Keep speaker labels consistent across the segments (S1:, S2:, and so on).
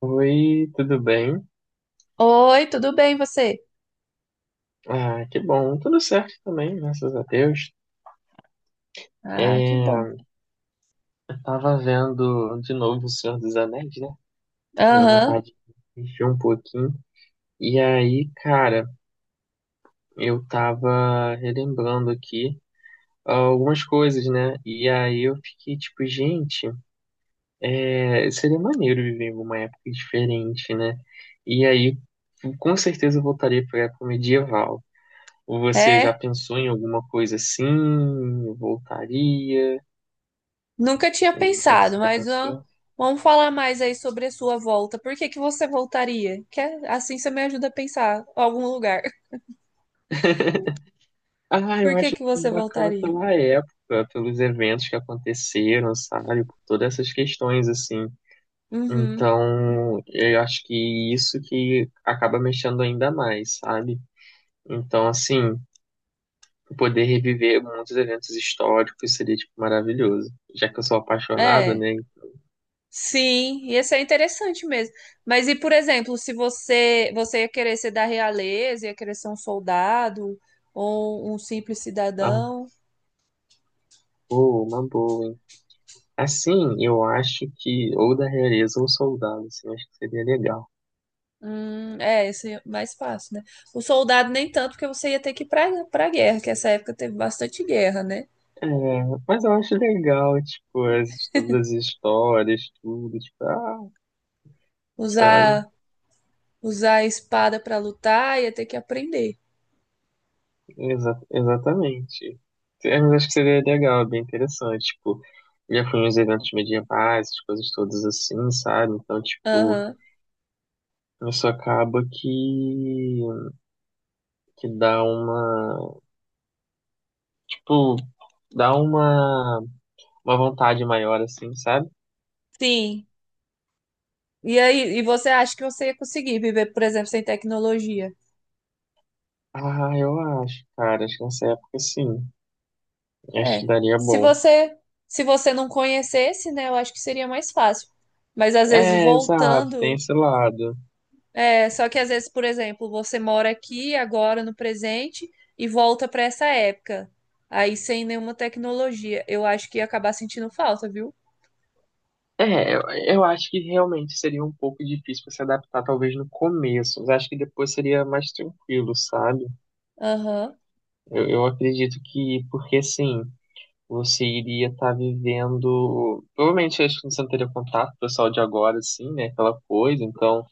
S1: Oi, tudo bem?
S2: Oi, tudo bem você?
S1: Ah, que bom, tudo certo também, graças a Deus.
S2: Ah, que bom.
S1: É, tava vendo de novo O Senhor dos Anéis, né? Deu
S2: Aham,
S1: vontade de assistir um pouquinho. E aí, cara, eu tava relembrando aqui algumas coisas, né? E aí eu fiquei tipo, gente, seria maneiro viver em uma época diferente, né? E aí, com certeza eu voltaria pra época medieval. Ou você já
S2: é.
S1: pensou em alguma coisa assim? Eu voltaria?
S2: Nunca tinha
S1: Alguma coisa que
S2: pensado,
S1: você já
S2: mas ó,
S1: pensou?
S2: vamos falar mais aí sobre a sua volta. Por que que você voltaria? Assim você me ajuda a pensar algum lugar.
S1: Ah, eu
S2: Por que
S1: acho
S2: que você
S1: bacana
S2: voltaria?
S1: pela época, pelos eventos que aconteceram, sabe? Por todas essas questões, assim.
S2: Uhum.
S1: Então, eu acho que isso que acaba mexendo ainda mais, sabe? Então, assim, poder reviver muitos eventos históricos seria, tipo, maravilhoso. Já que eu sou apaixonado,
S2: É.
S1: né?
S2: Sim, ia ser interessante mesmo. Mas e, por exemplo, se você ia querer ser da realeza, ia querer ser um soldado ou um simples
S1: Ah,
S2: cidadão?
S1: boa, uma boa, hein? Assim, eu acho que ou da realeza ou soldado, assim, eu acho que seria legal.
S2: É, esse é mais fácil, né? O soldado nem tanto, porque você ia ter que ir pra guerra, que essa época teve bastante guerra, né?
S1: É, mas eu acho legal, tipo, as, todas as histórias, tudo, tipo, ah, sabe?
S2: Usar, usar a espada pra lutar, ia ter que aprender.
S1: Exatamente. É, mas acho que seria legal, é bem interessante, tipo, já fui nos eventos medievais, essas coisas todas assim, sabe? Então, tipo,
S2: Aham.
S1: isso acaba que dá uma, tipo, dá uma vontade maior, assim, sabe?
S2: Sim. E aí, e você acha que você ia conseguir viver, por exemplo, sem tecnologia?
S1: Ah, eu acho, cara. Acho que nessa época sim. Acho que
S2: É.
S1: daria
S2: Se
S1: bom.
S2: você, se você não conhecesse, né, eu acho que seria mais fácil. Mas às vezes
S1: É, exato, tem
S2: voltando.
S1: esse lado.
S2: É, só que às vezes, por exemplo, você mora aqui agora no presente e volta para essa época. Aí sem nenhuma tecnologia. Eu acho que ia acabar sentindo falta, viu?
S1: É, eu acho que realmente seria um pouco difícil pra se adaptar, talvez no começo, mas acho que depois seria mais tranquilo, sabe?
S2: Aham.
S1: Eu acredito que, porque assim, você iria estar vivendo. Provavelmente acho que você não teria contato com o pessoal de agora, assim, né? Aquela coisa, então.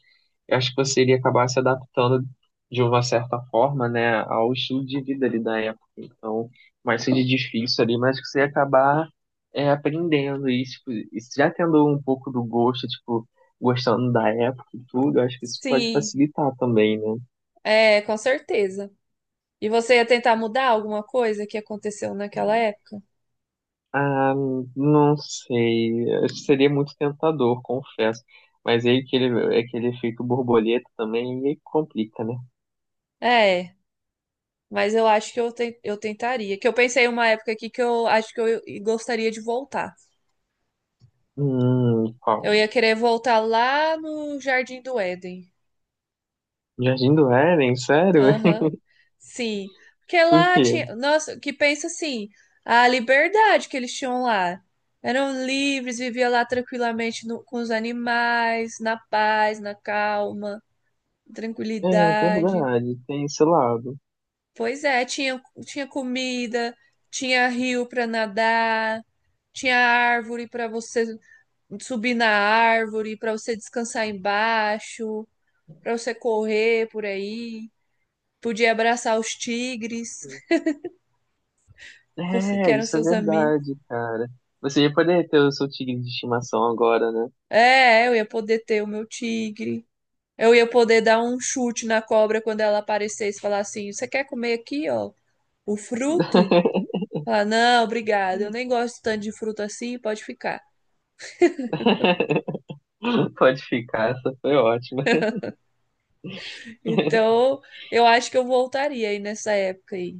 S1: Eu acho que você iria acabar se adaptando de uma certa forma, né, ao estilo de vida ali da época. Então, mais seja difícil ali, mas que você ia acabar aprendendo e, tipo, e já tendo um pouco do gosto, tipo, gostando da época e tudo, eu acho que isso pode
S2: Sim,
S1: facilitar também, né?
S2: é, com certeza. E você ia tentar mudar alguma coisa que aconteceu naquela época?
S1: Ah, não sei, acho que seria muito tentador, confesso. Mas aí aquele efeito borboleta também, e aí complica, né?
S2: É, mas eu acho que eu tentaria. Que eu pensei em uma época aqui que eu acho que eu gostaria de voltar.
S1: Qual?
S2: Eu ia querer voltar lá no Jardim do Éden.
S1: Jardim do Éden, sério?
S2: Aham, sim. Porque
S1: Por
S2: lá
S1: quê?
S2: tinha. Nossa, que pensa assim, a liberdade que eles tinham lá. Eram livres, viviam lá tranquilamente com os animais, na paz, na calma,
S1: É
S2: tranquilidade.
S1: verdade, tem esse lado.
S2: Pois é, tinha comida, tinha rio para nadar, tinha árvore para você subir na árvore, para você descansar embaixo, para você correr por aí. Podia abraçar os tigres. Você que
S1: É,
S2: eram
S1: isso é
S2: seus amigos.
S1: verdade, cara. Você ia poder ter o seu tigre de estimação agora, né?
S2: É, eu ia poder ter o meu tigre. Eu ia poder dar um chute na cobra quando ela aparecesse e falar assim: "Você quer comer aqui, ó, o fruto?" Falar: "Não, obrigada, eu nem gosto tanto de fruto assim, pode ficar."
S1: Pode ficar, essa foi ótima.
S2: Então, eu acho que eu voltaria aí nessa época aí.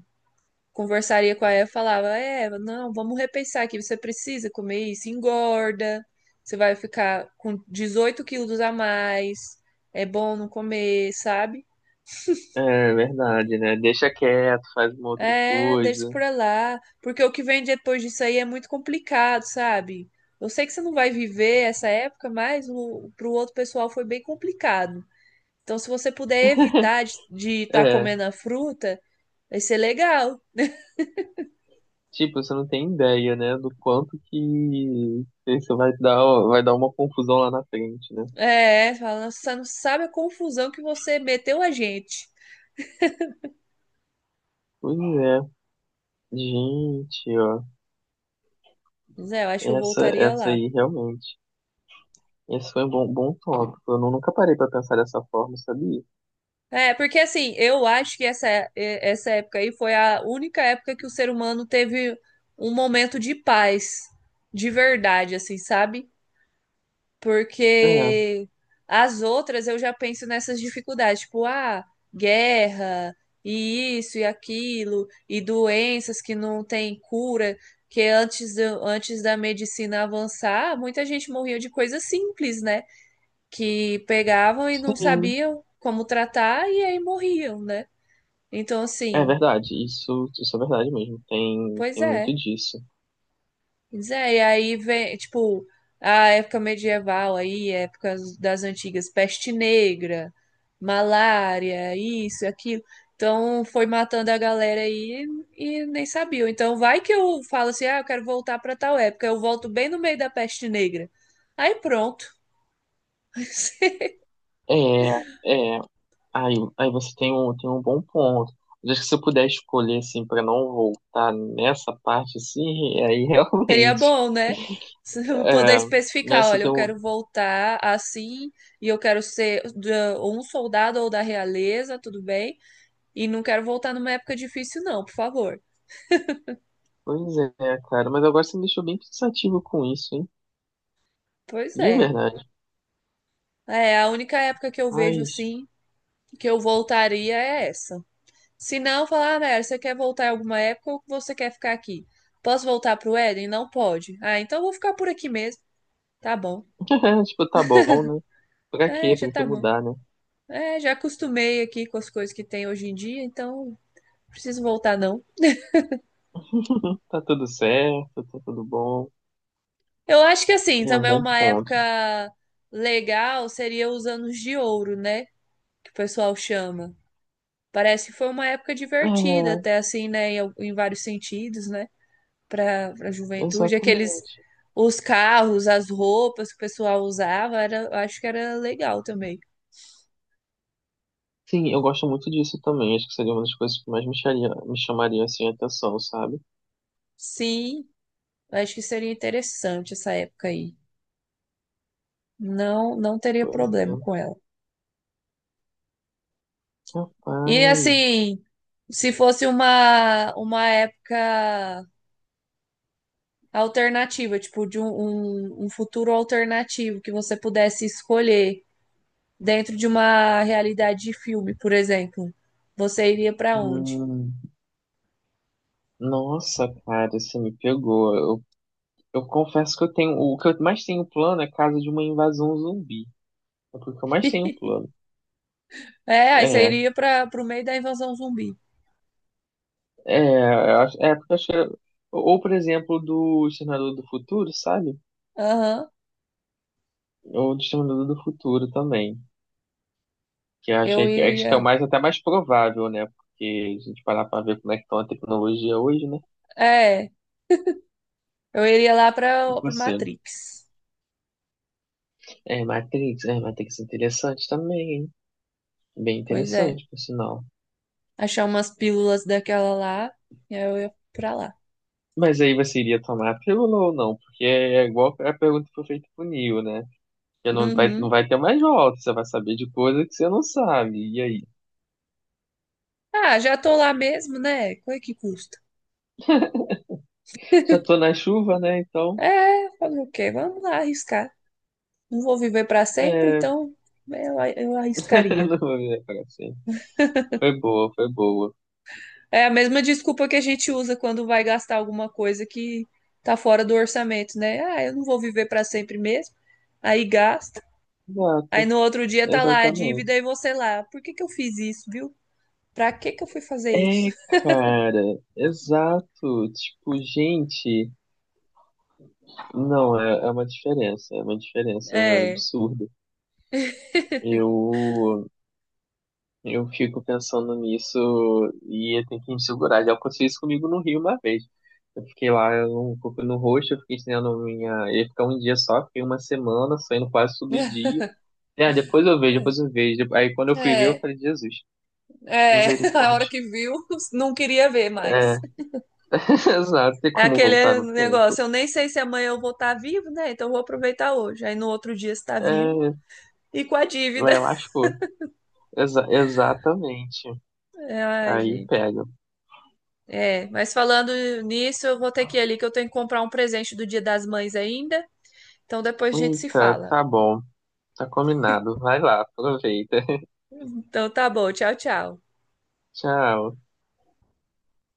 S2: Conversaria com a Eva, falava: "Eva, não, vamos repensar aqui, você precisa comer isso, engorda, você vai ficar com 18 quilos a mais, é bom não comer, sabe?"
S1: É verdade, né? Deixa quieto, faz uma outra
S2: É, deixa
S1: coisa.
S2: por lá, porque o que vem depois disso aí é muito complicado, sabe? Eu sei que você não vai viver essa época, mas o, pro outro pessoal foi bem complicado. Então, se você puder evitar de estar
S1: É,
S2: comendo a fruta, vai ser legal.
S1: tipo, você não tem ideia, né, do quanto que isso vai dar uma confusão lá na frente, né?
S2: É, fala, você não sabe a confusão que você meteu a gente.
S1: Pois é, gente, ó,
S2: Mas é, eu acho que eu
S1: essa,
S2: voltaria
S1: essa
S2: lá.
S1: aí realmente. Esse foi um bom, bom tópico. Eu nunca parei pra pensar dessa forma, sabia?
S2: É, porque assim, eu acho que essa época aí foi a única época que o ser humano teve um momento de paz, de verdade, assim, sabe?
S1: É,
S2: Porque as outras eu já penso nessas dificuldades, tipo, ah, guerra, e isso e aquilo, e doenças que não têm cura, que antes da medicina avançar, muita gente morria de coisas simples, né? Que pegavam e não
S1: sim,
S2: sabiam como tratar e aí morriam, né? Então,
S1: é
S2: assim,
S1: verdade. Isso é verdade mesmo. Tem,
S2: pois
S1: tem muito
S2: é.
S1: disso.
S2: Pois é, e aí vem, tipo, a época medieval aí, épocas das antigas, peste negra, malária, isso, aquilo. Então, foi matando a galera aí e nem sabia. Então, vai que eu falo assim: "Ah, eu quero voltar pra tal época." Eu volto bem no meio da peste negra. Aí, pronto.
S1: É, é. Aí você tem um bom ponto. Mas acho que se eu puder escolher, assim, pra não voltar nessa parte, assim, aí
S2: Seria
S1: realmente.
S2: bom, né? Se eu poder
S1: É, né,
S2: especificar,
S1: você
S2: olha, eu
S1: tem um.
S2: quero voltar assim e eu quero ser ou um soldado ou da realeza, tudo bem? E não quero voltar numa época difícil, não, por favor.
S1: Pois é, cara. Mas agora você me deixou bem pensativo com isso, hein?
S2: Pois
S1: E é
S2: é.
S1: verdade.
S2: É, a única época que eu vejo
S1: Mas,
S2: assim que eu voltaria é essa. Se não, falar: "Ah, Nayara, você quer voltar em alguma época ou você quer ficar aqui? Posso voltar pro Éden? Não pode. Ah, então eu vou ficar por aqui mesmo." Tá bom.
S1: tipo, tá bom, né? Pra
S2: É,
S1: quê?
S2: já
S1: Pra que
S2: tá bom.
S1: mudar, né?
S2: É, já acostumei aqui com as coisas que tem hoje em dia, então preciso voltar, não.
S1: Tá tudo certo, tá tudo bom.
S2: Eu acho que assim,
S1: É um
S2: também
S1: bom
S2: uma
S1: ponto.
S2: época legal seria os anos de ouro, né? Que o pessoal chama. Parece que foi uma época divertida,
S1: É,
S2: até assim, né? Em vários sentidos, né? Para a juventude. Aqueles,
S1: exatamente.
S2: os carros, as roupas que o pessoal usava, era, eu acho que era legal também.
S1: Sim, eu gosto muito disso também. Acho que seria uma das coisas que mais me chamaria assim a atenção, sabe?
S2: Sim, eu acho que seria interessante essa época aí. Não, não teria
S1: Pois é.
S2: problema com ela. E
S1: Rapaz.
S2: assim, se fosse uma época alternativa, tipo, de um futuro alternativo que você pudesse escolher dentro de uma realidade de filme, por exemplo, você iria pra onde?
S1: Hum, nossa, cara, você me pegou. Eu confesso que eu tenho. O que eu mais tenho plano é caso de uma invasão zumbi. É porque eu mais tenho plano.
S2: É, aí você
S1: É,
S2: iria para pro meio da invasão zumbi.
S1: eu acho. É porque eu acho que. Ou, por exemplo, do Exterminador do Futuro, sabe?
S2: Aham.
S1: Ou do Exterminador do Futuro também. Que eu
S2: Eu
S1: achei que, é, acho que é o
S2: iria.
S1: mais até mais provável, né? Porque a gente parar pra ver como é que tá a tecnologia hoje, né?
S2: É, eu iria lá
S1: E
S2: pra
S1: você?
S2: Matrix.
S1: É, Matrix, é, Matrix é interessante também, hein? Bem
S2: Pois é.
S1: interessante, por sinal.
S2: Achar umas pílulas daquela lá, e aí eu ia pra lá.
S1: Mas aí você iria tomar a pílula ou não? Porque é é igual a pergunta que foi feita pro Neo, né? Porque não vai, não
S2: Uhum.
S1: vai ter mais volta, você vai saber de coisa que você não sabe. E aí?
S2: Ah, já tô lá mesmo, né? Qual é que custa?
S1: Já tô na chuva, né? Então,
S2: É, fazer o quê? Vamos lá arriscar. Não vou viver para sempre,
S1: é...
S2: então é, eu arriscaria.
S1: não vou virar pra sempre. Foi boa.
S2: É a mesma desculpa que a gente usa quando vai gastar alguma coisa que tá fora do orçamento, né? Ah, eu não vou viver para sempre mesmo. Aí gasta. Aí
S1: Exato,
S2: no outro dia tá lá a dívida
S1: exatamente.
S2: e você lá. Por que que eu fiz isso, viu? Pra que que eu fui fazer isso?
S1: É, cara, exato. Tipo, gente, não, é uma diferença
S2: É.
S1: absurda. Eu, eu fico pensando nisso e eu tenho que me segurar. Já aconteceu isso comigo no Rio uma vez. Eu fiquei lá um pouco no roxo, eu fiquei estendendo minha. Eu ia ficar um dia só, fiquei uma semana saindo quase todo dia. É, depois eu vejo. Aí quando eu fui ver, eu
S2: É,
S1: falei, Jesus,
S2: é, a hora
S1: misericórdia.
S2: que viu, não queria ver
S1: É,
S2: mais.
S1: exato, tem
S2: É
S1: como voltar
S2: aquele
S1: no tempo.
S2: negócio, eu nem sei se amanhã eu vou estar vivo, né? Então eu vou aproveitar hoje. Aí no outro dia está vivo,
S1: É,
S2: e com a
S1: lá
S2: dívida.
S1: eu acho. Exatamente.
S2: É, ai,
S1: Aí
S2: gente.
S1: pega.
S2: É, mas falando nisso, eu vou ter que ir ali que eu tenho que comprar um presente do Dia das Mães ainda. Então depois a gente se
S1: Eita,
S2: fala.
S1: tá bom. Tá combinado. Vai lá, aproveita.
S2: Então tá bom, tchau, tchau.
S1: Tchau.